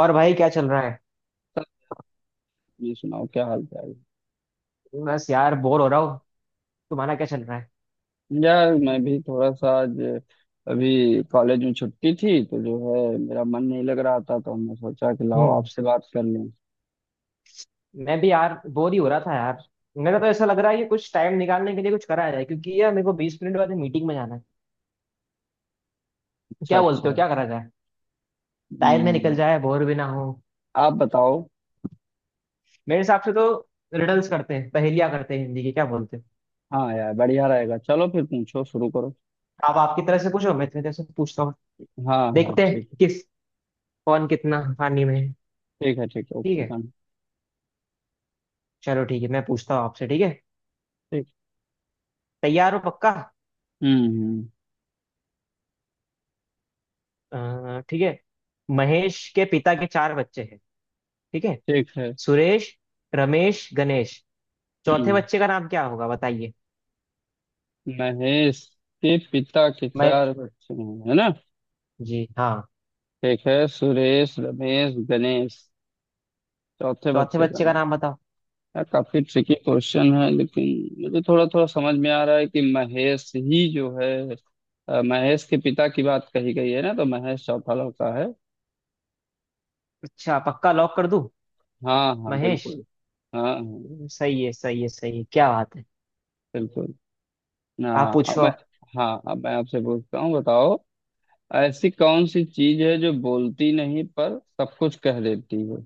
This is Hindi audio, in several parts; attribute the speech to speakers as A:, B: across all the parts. A: और भाई क्या चल रहा है।
B: ये सुनाओ क्या हाल चाल है?
A: बस यार बोर हो रहा हूँ। तुम्हारा क्या चल रहा है?
B: यार मैं भी थोड़ा सा आज अभी कॉलेज में छुट्टी थी, तो जो है मेरा मन नहीं लग रहा था, तो हमने सोचा कि लाओ
A: हम्म
B: आपसे बात कर लें।
A: मैं भी यार बोर ही हो रहा था यार। मेरा तो ऐसा लग रहा है कि कुछ टाइम निकालने के लिए कुछ करा जाए, क्योंकि यार मेरे को 20 मिनट बाद मीटिंग में जाना है।
B: अच्छा
A: क्या
B: अच्छा।
A: बोलते हो, क्या करा जाए? टाइम में निकल
B: हम्म।
A: जाए, बोर भी ना हो।
B: आप बताओ।
A: मेरे हिसाब से तो रिडल्स करते हैं, पहेलियां करते हैं हिंदी की, क्या बोलते हो?
B: हाँ यार बढ़िया रहेगा, चलो फिर पूछो शुरू करो।
A: आप आपकी तरह से पूछो, मैं इतनी तरह से पूछता हूँ।
B: हाँ हाँ
A: देखते हैं
B: ठीक है।
A: किस, कौन कितना पानी में है।
B: ठीक है ठीक है
A: ठीक
B: ओके
A: है,
B: डन।
A: चलो ठीक है, मैं पूछता हूँ आपसे, ठीक है?
B: ठीक।
A: तैयार हो पक्का?
B: हम्म।
A: ठीक है। महेश के पिता के चार बच्चे, ठीक है?
B: ठीक है।
A: सुरेश, रमेश, गणेश। चौथे
B: हम्म।
A: बच्चे का नाम क्या होगा, बताइए।
B: महेश के पिता के
A: मैं?
B: चार बच्चे हैं, है ना?
A: जी हाँ,
B: ठीक है। सुरेश रमेश गणेश। चौथे
A: चौथे
B: बच्चे का
A: बच्चे का
B: नाम।
A: नाम बताओ।
B: यार काफी ट्रिकी क्वेश्चन है, लेकिन मुझे थोड़ा थोड़ा समझ में आ रहा है कि महेश ही जो है। महेश के पिता की बात कही गई है ना, तो महेश चौथा लड़का है।
A: अच्छा, पक्का लॉक कर दूं?
B: हाँ हाँ
A: महेश।
B: बिल्कुल। हाँ हाँ
A: सही है, सही है, सही है, क्या बात है।
B: बिल्कुल।
A: आप
B: हाँ अब
A: पूछो
B: मैं
A: अब।
B: हाँ अब मैं आपसे पूछता हूँ बताओ। ऐसी कौन सी चीज है जो बोलती नहीं पर सब कुछ कह देती है?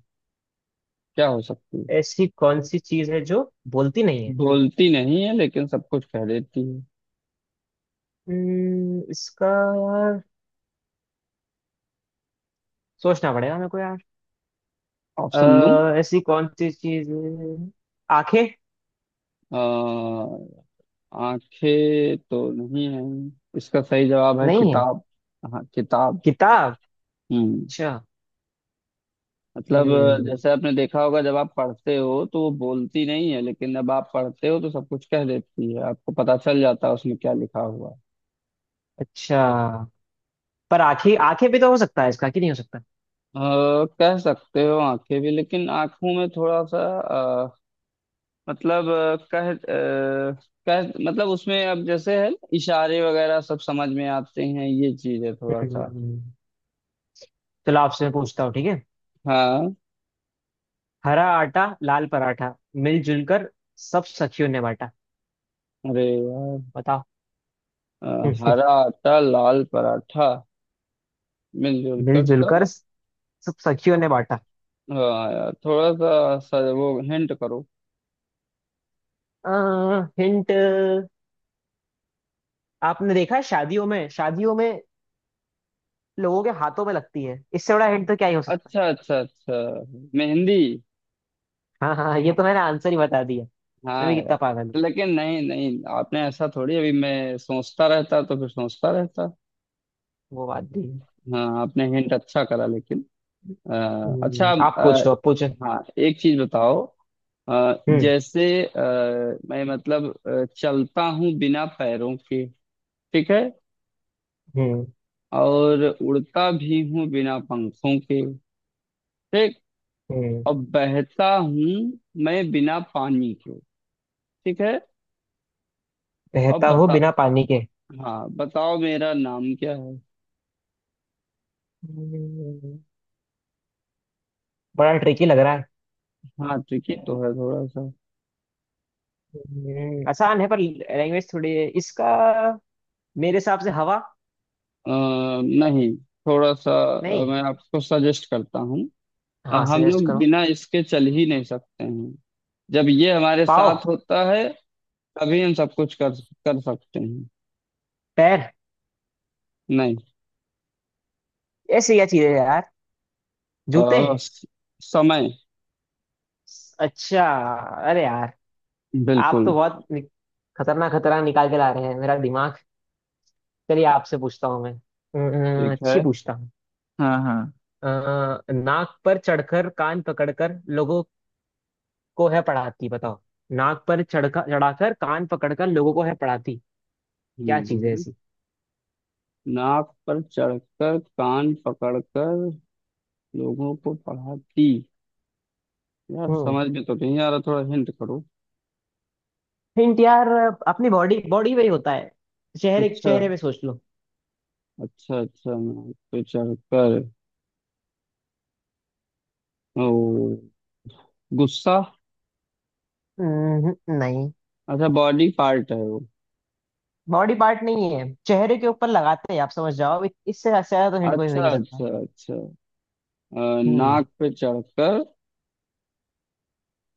B: क्या हो सकती है?
A: ऐसी कौन सी चीज है जो बोलती नहीं है?
B: बोलती नहीं है लेकिन सब कुछ कह देती है।
A: इसका यार सोचना पड़ेगा मेरे को यार।
B: ऑप्शन दूं?
A: ऐसी कौन सी चीज है? आंखें?
B: आंखें तो नहीं है। इसका सही जवाब है
A: नहीं है?
B: किताब। हाँ किताब।
A: किताब?
B: हम्म।
A: अच्छा।
B: मतलब
A: हम्म।
B: जैसे आपने देखा होगा, जब आप पढ़ते हो तो वो बोलती नहीं है, लेकिन जब आप पढ़ते हो तो सब कुछ कह देती है, आपको पता चल जाता है उसमें क्या लिखा हुआ है।
A: अच्छा, पर आंखें, आंखें भी तो हो सकता है इसका, कि नहीं हो सकता?
B: कह सकते हो आंखें भी, लेकिन आंखों में थोड़ा सा मतलब कह मतलब उसमें अब जैसे है ना, इशारे वगैरह सब समझ में आते हैं, ये चीज है थोड़ा सा।
A: हम्म, चलो आपसे मैं पूछता हूँ, ठीक है।
B: हाँ।
A: हरा आटा लाल पराठा, मिलजुल कर सब सखियों ने बांटा।
B: अरे यार।
A: बताओ।
B: अ, हरा आटा लाल पराठा मिलजुल कर
A: मिलजुल
B: सब।
A: कर सब सखियों ने बांटा।
B: हाँ यार थोड़ा सा सर वो हिंट करो।
A: हिंट? आपने देखा है शादियों में, शादियों में, लोगों के हाथों में लगती है, इससे बड़ा हिंट तो क्या ही हो सकता है।
B: अच्छा अच्छा अच्छा। मेहंदी।
A: हाँ हाँ, ये तो मैंने आंसर ही बता दिया। मैं
B: हाँ
A: भी कितना पागल हूँ।
B: यार। लेकिन नहीं नहीं आपने ऐसा थोड़ी, अभी मैं सोचता रहता तो फिर सोचता रहता।
A: वो बात भी है।
B: हाँ आपने हिंट अच्छा करा लेकिन अच्छा।
A: आप
B: अ,
A: पूछो, आप पूछो।
B: हाँ एक चीज बताओ। अ,
A: हम्म।
B: जैसे अ, मैं मतलब चलता हूँ बिना पैरों के। ठीक है।
A: हम्म।
B: और उड़ता भी हूँ बिना पंखों के। ठीक।
A: हम्म।
B: अब बहता हूँ मैं बिना पानी के। ठीक है। अब
A: बहता हूँ
B: बता।
A: बिना पानी के।
B: हाँ बताओ, मेरा नाम क्या है?
A: हम्म, बड़ा ट्रिकी लग रहा है।
B: हाँ ट्रिकी तो है थोड़ा सा।
A: आसान है पर लैंग्वेज थोड़ी है इसका। मेरे हिसाब से हवा।
B: नहीं। थोड़ा सा
A: नहीं।
B: मैं आपको सजेस्ट करता हूँ।
A: हाँ,
B: हम
A: सजेस्ट
B: लोग
A: करो।
B: बिना इसके चल ही नहीं सकते हैं, जब ये हमारे
A: पाँव?
B: साथ होता है तभी हम सब कुछ कर कर सकते हैं।
A: पैर?
B: नहीं।
A: ऐसी क्या चीज है यार? जूते?
B: अ, स- समय।
A: अच्छा। अरे यार, आप
B: बिल्कुल।
A: तो बहुत खतरनाक, खतरनाक निकाल के ला रहे हैं मेरा दिमाग। चलिए आपसे पूछता हूँ मैं
B: ठीक है।
A: अच्छी पूछता हूँ।
B: हाँ
A: अ, नाक पर चढ़कर कान पकड़कर लोगों को है पढ़ाती, बताओ। नाक पर चढ़कर चढ़ाकर कान पकड़कर लोगों को है पढ़ाती। क्या चीज है
B: हाँ।
A: ऐसी?
B: नाक पर चढ़कर कान पकड़कर लोगों को पढ़ाती। यार समझ में तो नहीं आ रहा, थोड़ा हिंट करो।
A: हिंट यार, अपनी बॉडी बॉडी में ही होता है। चेहरे
B: अच्छा
A: चेहरे पे सोच लो।
B: अच्छा अच्छा। नाक पे चढ़कर ओ गुस्सा।
A: हम्म, नहीं।
B: अच्छा बॉडी पार्ट है वो।
A: बॉडी पार्ट नहीं है, चेहरे के ऊपर लगाते हैं, आप समझ जाओ, इससे ज्यादा तो हिंट कोई हो ही
B: अच्छा
A: नहीं सकता।
B: अच्छा अच्छा।
A: हम्म।
B: नाक पे चढ़कर।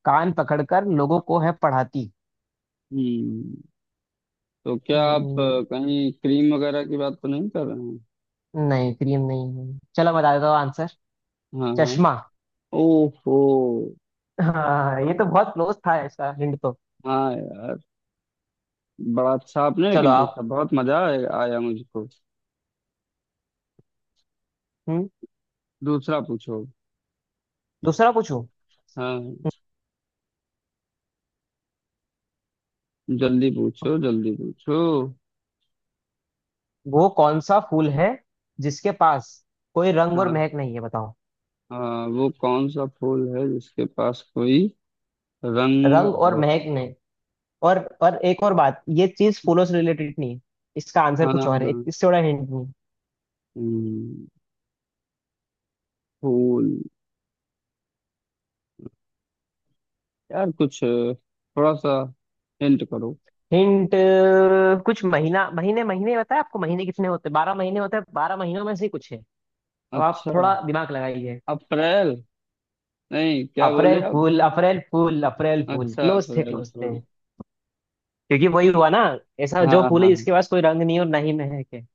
A: कान पकड़कर लोगों को है पढ़ाती।
B: हम्म। तो क्या आप
A: हम्म,
B: कहीं क्रीम वगैरह की बात तो नहीं कर रहे हैं?
A: नहीं क्रीम नहीं है, चलो बता देता हूँ आंसर।
B: हाँ हाँ।
A: चश्मा।
B: ओहो।
A: हाँ, ये तो बहुत क्लोज था इसका हिंट तो।
B: हाँ यार, बड़ा अच्छा आपने
A: चलो
B: लेकिन पूछा,
A: आप।
B: बहुत मजा आया आया मुझको।
A: हम्म।
B: दूसरा पूछो।
A: दूसरा पूछूं?
B: हाँ जल्दी पूछो जल्दी पूछो।
A: वो कौन सा फूल है जिसके पास कोई रंग और
B: हाँ
A: महक नहीं है, बताओ।
B: हाँ वो कौन सा फूल है जिसके पास कोई रंग
A: रंग और
B: और।
A: महक नहीं। और एक और बात, ये चीज फूलों से रिलेटेड नहीं है। इसका आंसर
B: हाँ
A: कुछ और है,
B: हाँ।
A: इससे बड़ा हिंट नहीं।
B: हम्म, फूल, यार कुछ थोड़ा सा हिंट करो।
A: हिंट? कुछ महीना, महीने महीने बताया आपको, महीने कितने होते हैं, 12 महीने होते हैं, 12 महीनों में से ही कुछ है। अब आप
B: अच्छा।
A: थोड़ा दिमाग लगाइए।
B: अप्रैल। नहीं, क्या बोले
A: अप्रैल
B: आप?
A: फूल, अप्रैल फूल, अप्रैल फूल।
B: अच्छा
A: क्लोज थे,
B: अप्रैल
A: क्लोज थे।
B: फूल।
A: क्योंकि वही हुआ ना, ऐसा
B: हाँ
A: जो फूल है
B: हाँ
A: जिसके पास कोई रंग नहीं और ना ही महक है।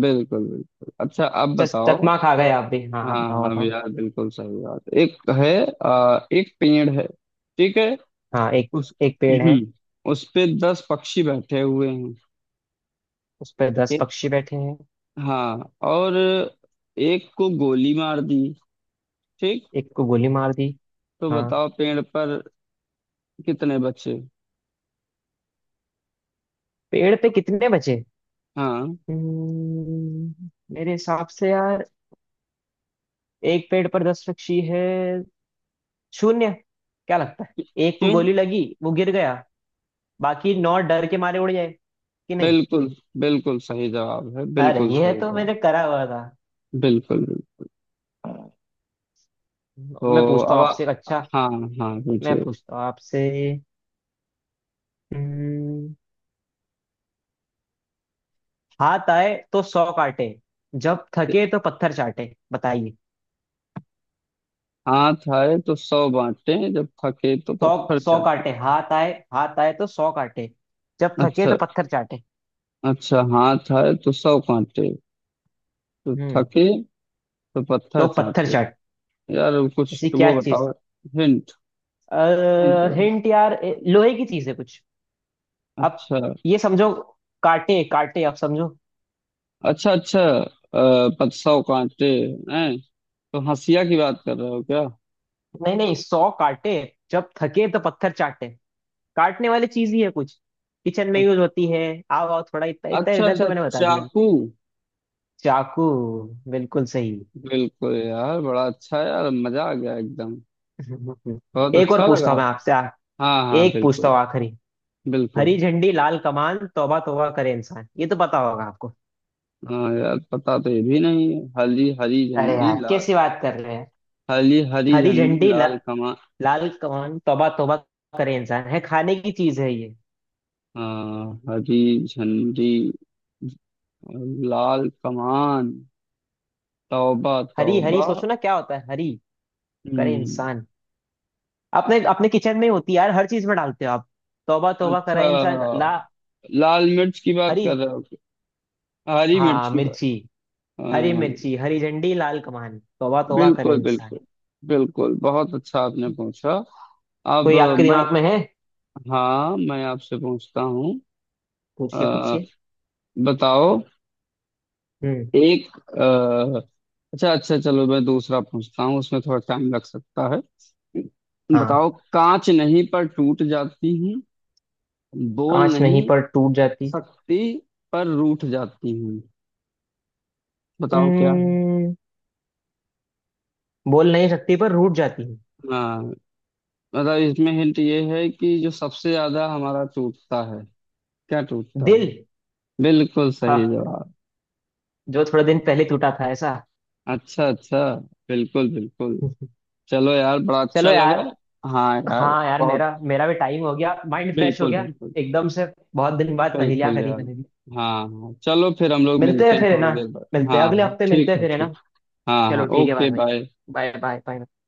B: बिल्कुल बिल्कुल। अच्छा अब
A: चस,
B: बताओ।
A: चकमा खा गए आप भी। हाँ हाँ,
B: हाँ
A: बताओ,
B: हाँ
A: बताओ।
B: यार बिल्कुल सही बात। एक है एक पेड़ है। ठीक है।
A: हाँ एक,
B: उस
A: एक पेड़ है।
B: हम्म, उस पे 10 पक्षी बैठे हुए हैं।
A: उस पर दस
B: एक।
A: पक्षी बैठे हैं।
B: हाँ और एक को गोली मार दी। ठीक।
A: एक को गोली मार दी।
B: तो
A: हाँ,
B: बताओ पेड़ पर कितने बचे?
A: पेड़ पे कितने बचे?
B: हाँ।
A: हम्म, मेरे हिसाब से यार, एक पेड़ पर 10 पक्षी है, शून्य। क्या लगता है? एक को
B: क्यों?
A: गोली लगी, वो गिर गया, बाकी नौ डर के मारे उड़ जाए, कि नहीं?
B: बिल्कुल। बिल्कुल सही जवाब है,
A: अरे,
B: बिल्कुल
A: ये
B: सही
A: तो मैंने
B: जवाब।
A: करा हुआ था।
B: बिल्कुल बिल्कुल।
A: मैं
B: तो
A: पूछता
B: अब
A: हूँ आपसे एक, अच्छा।
B: हाँ। हाँ
A: मैं
B: पूछिए।
A: पूछता हूँ आपसे। हम्म, हाथ आए तो सौ काटे, जब थके तो पत्थर चाटे, बताइए।
B: हाथ आए तो 100 बांटे जब थके तो
A: सौ,
B: पत्थर
A: सौ
B: चाटे।
A: काटे। हाथ आए, हाथ आए तो सौ काटे, जब थके
B: अच्छा
A: तो पत्थर चाटे।
B: अच्छा हाथ आए तो 100 काटे तो
A: हम्म।
B: थके तो
A: तो
B: पत्थर
A: पत्थर
B: चाटे।
A: चाट।
B: यार कुछ
A: ऐसी
B: तो
A: क्या
B: वो
A: चीज?
B: बताओ। हिंट। हिंट करो।
A: हिंट यार, ए, लोहे की चीज है कुछ। आप
B: अच्छा
A: ये समझो, काटे, काटे, आप समझो।
B: अच्छा अच्छा पत 100 कांटे हैं, तो हंसिया की बात कर रहे हो क्या?
A: नहीं नहीं, सौ काटे, जब थके तो पत्थर चाटे। काटने वाली चीज ही है कुछ, किचन में यूज
B: अच्छा
A: होती है। आओ आओ, थोड़ा इतना, इतना
B: अच्छा
A: रिडल
B: अच्छा।
A: तो मैंने बता दिया।
B: चाकू।
A: चाकू। बिल्कुल सही।
B: बिल्कुल यार बड़ा अच्छा, यार मजा आ गया एकदम। बहुत
A: एक और
B: अच्छा लगा।
A: पूछता हूँ मैं आपसे, आ,
B: हाँ हाँ
A: एक पूछता
B: बिल्कुल।
A: हूँ आखिरी। हरी
B: बिल्कुल।
A: झंडी लाल कमान, तौबा तौबा करे इंसान, ये तो पता होगा आपको।
B: हाँ यार पता तो ये भी नहीं है, हली हरी
A: अरे
B: झंडी
A: यार,
B: लाल।
A: कैसी बात कर रहे हैं?
B: हली हरी
A: हरी
B: झंडी
A: झंडी ल...
B: लाल कमान।
A: लाल कौन, तौबा तौबा करे इंसान, है, खाने की चीज है ये।
B: हाँ हरी झंडी और लाल कमान तौबा
A: हरी, हरी
B: तौबा।
A: सोचो ना क्या होता है, हरी करे
B: हम्म।
A: इंसान, अपने अपने किचन में ही होती है यार, हर चीज में डालते हो आप, तौबा तौबा
B: अच्छा,
A: करे इंसान, ला।
B: लाल मिर्च की बात
A: हरी।
B: कर रहे हो क्या? हरी मिर्च
A: हाँ,
B: की बात।
A: मिर्ची। हरी
B: हाँ।
A: मिर्ची, हरी झंडी लाल कमान, तौबा तौबा करे
B: बिल्कुल
A: इंसान।
B: बिल्कुल बिल्कुल बहुत अच्छा आपने पूछा। अब
A: कोई आपके
B: मैं।
A: दिमाग में है?
B: हाँ मैं आपसे पूछता हूँ।
A: पूछिए,
B: अ,
A: पूछिए।
B: बताओ
A: हम्म।
B: एक। अ, अच्छा अच्छा चलो मैं दूसरा पूछता हूँ, उसमें थोड़ा टाइम लग सकता है।
A: हाँ,
B: बताओ कांच नहीं पर टूट जाती हूँ, बोल
A: कांच नहीं
B: नहीं
A: पर टूट जाती।
B: सकती पर रूठ जाती हूँ, बताओ क्या है?
A: हम्म, बोल नहीं सकती पर रूठ जाती,
B: हाँ मतलब इसमें हिंट ये है कि जो सबसे ज्यादा हमारा टूटता है। क्या
A: है
B: टूटता
A: दिल।
B: है? बिल्कुल सही
A: हाँ,
B: जवाब।
A: जो थोड़े दिन पहले टूटा था ऐसा।
B: अच्छा अच्छा। बिल्कुल बिल्कुल। चलो यार बड़ा
A: चलो
B: अच्छा
A: यार।
B: लगा। हाँ यार
A: हाँ यार,
B: बहुत।
A: मेरा मेरा भी टाइम हो गया, माइंड फ्रेश हो
B: बिल्कुल
A: गया
B: बिल्कुल।
A: एकदम से। बहुत दिन बाद पहेलियां
B: बिल्कुल
A: करी
B: यार।
A: मैंने भी।
B: हाँ हाँ चलो फिर हम लोग
A: मिलते
B: मिलते
A: हैं
B: हैं
A: फिर, है ना?
B: थोड़ी देर बाद।
A: मिलते हैं,
B: हाँ
A: अगले
B: हाँ
A: हफ्ते मिलते
B: ठीक
A: हैं
B: है
A: फिर, है ना?
B: ठीक। हाँ हाँ
A: चलो ठीक है, bye
B: okay
A: bye.
B: Bye.
A: Bye bye bye.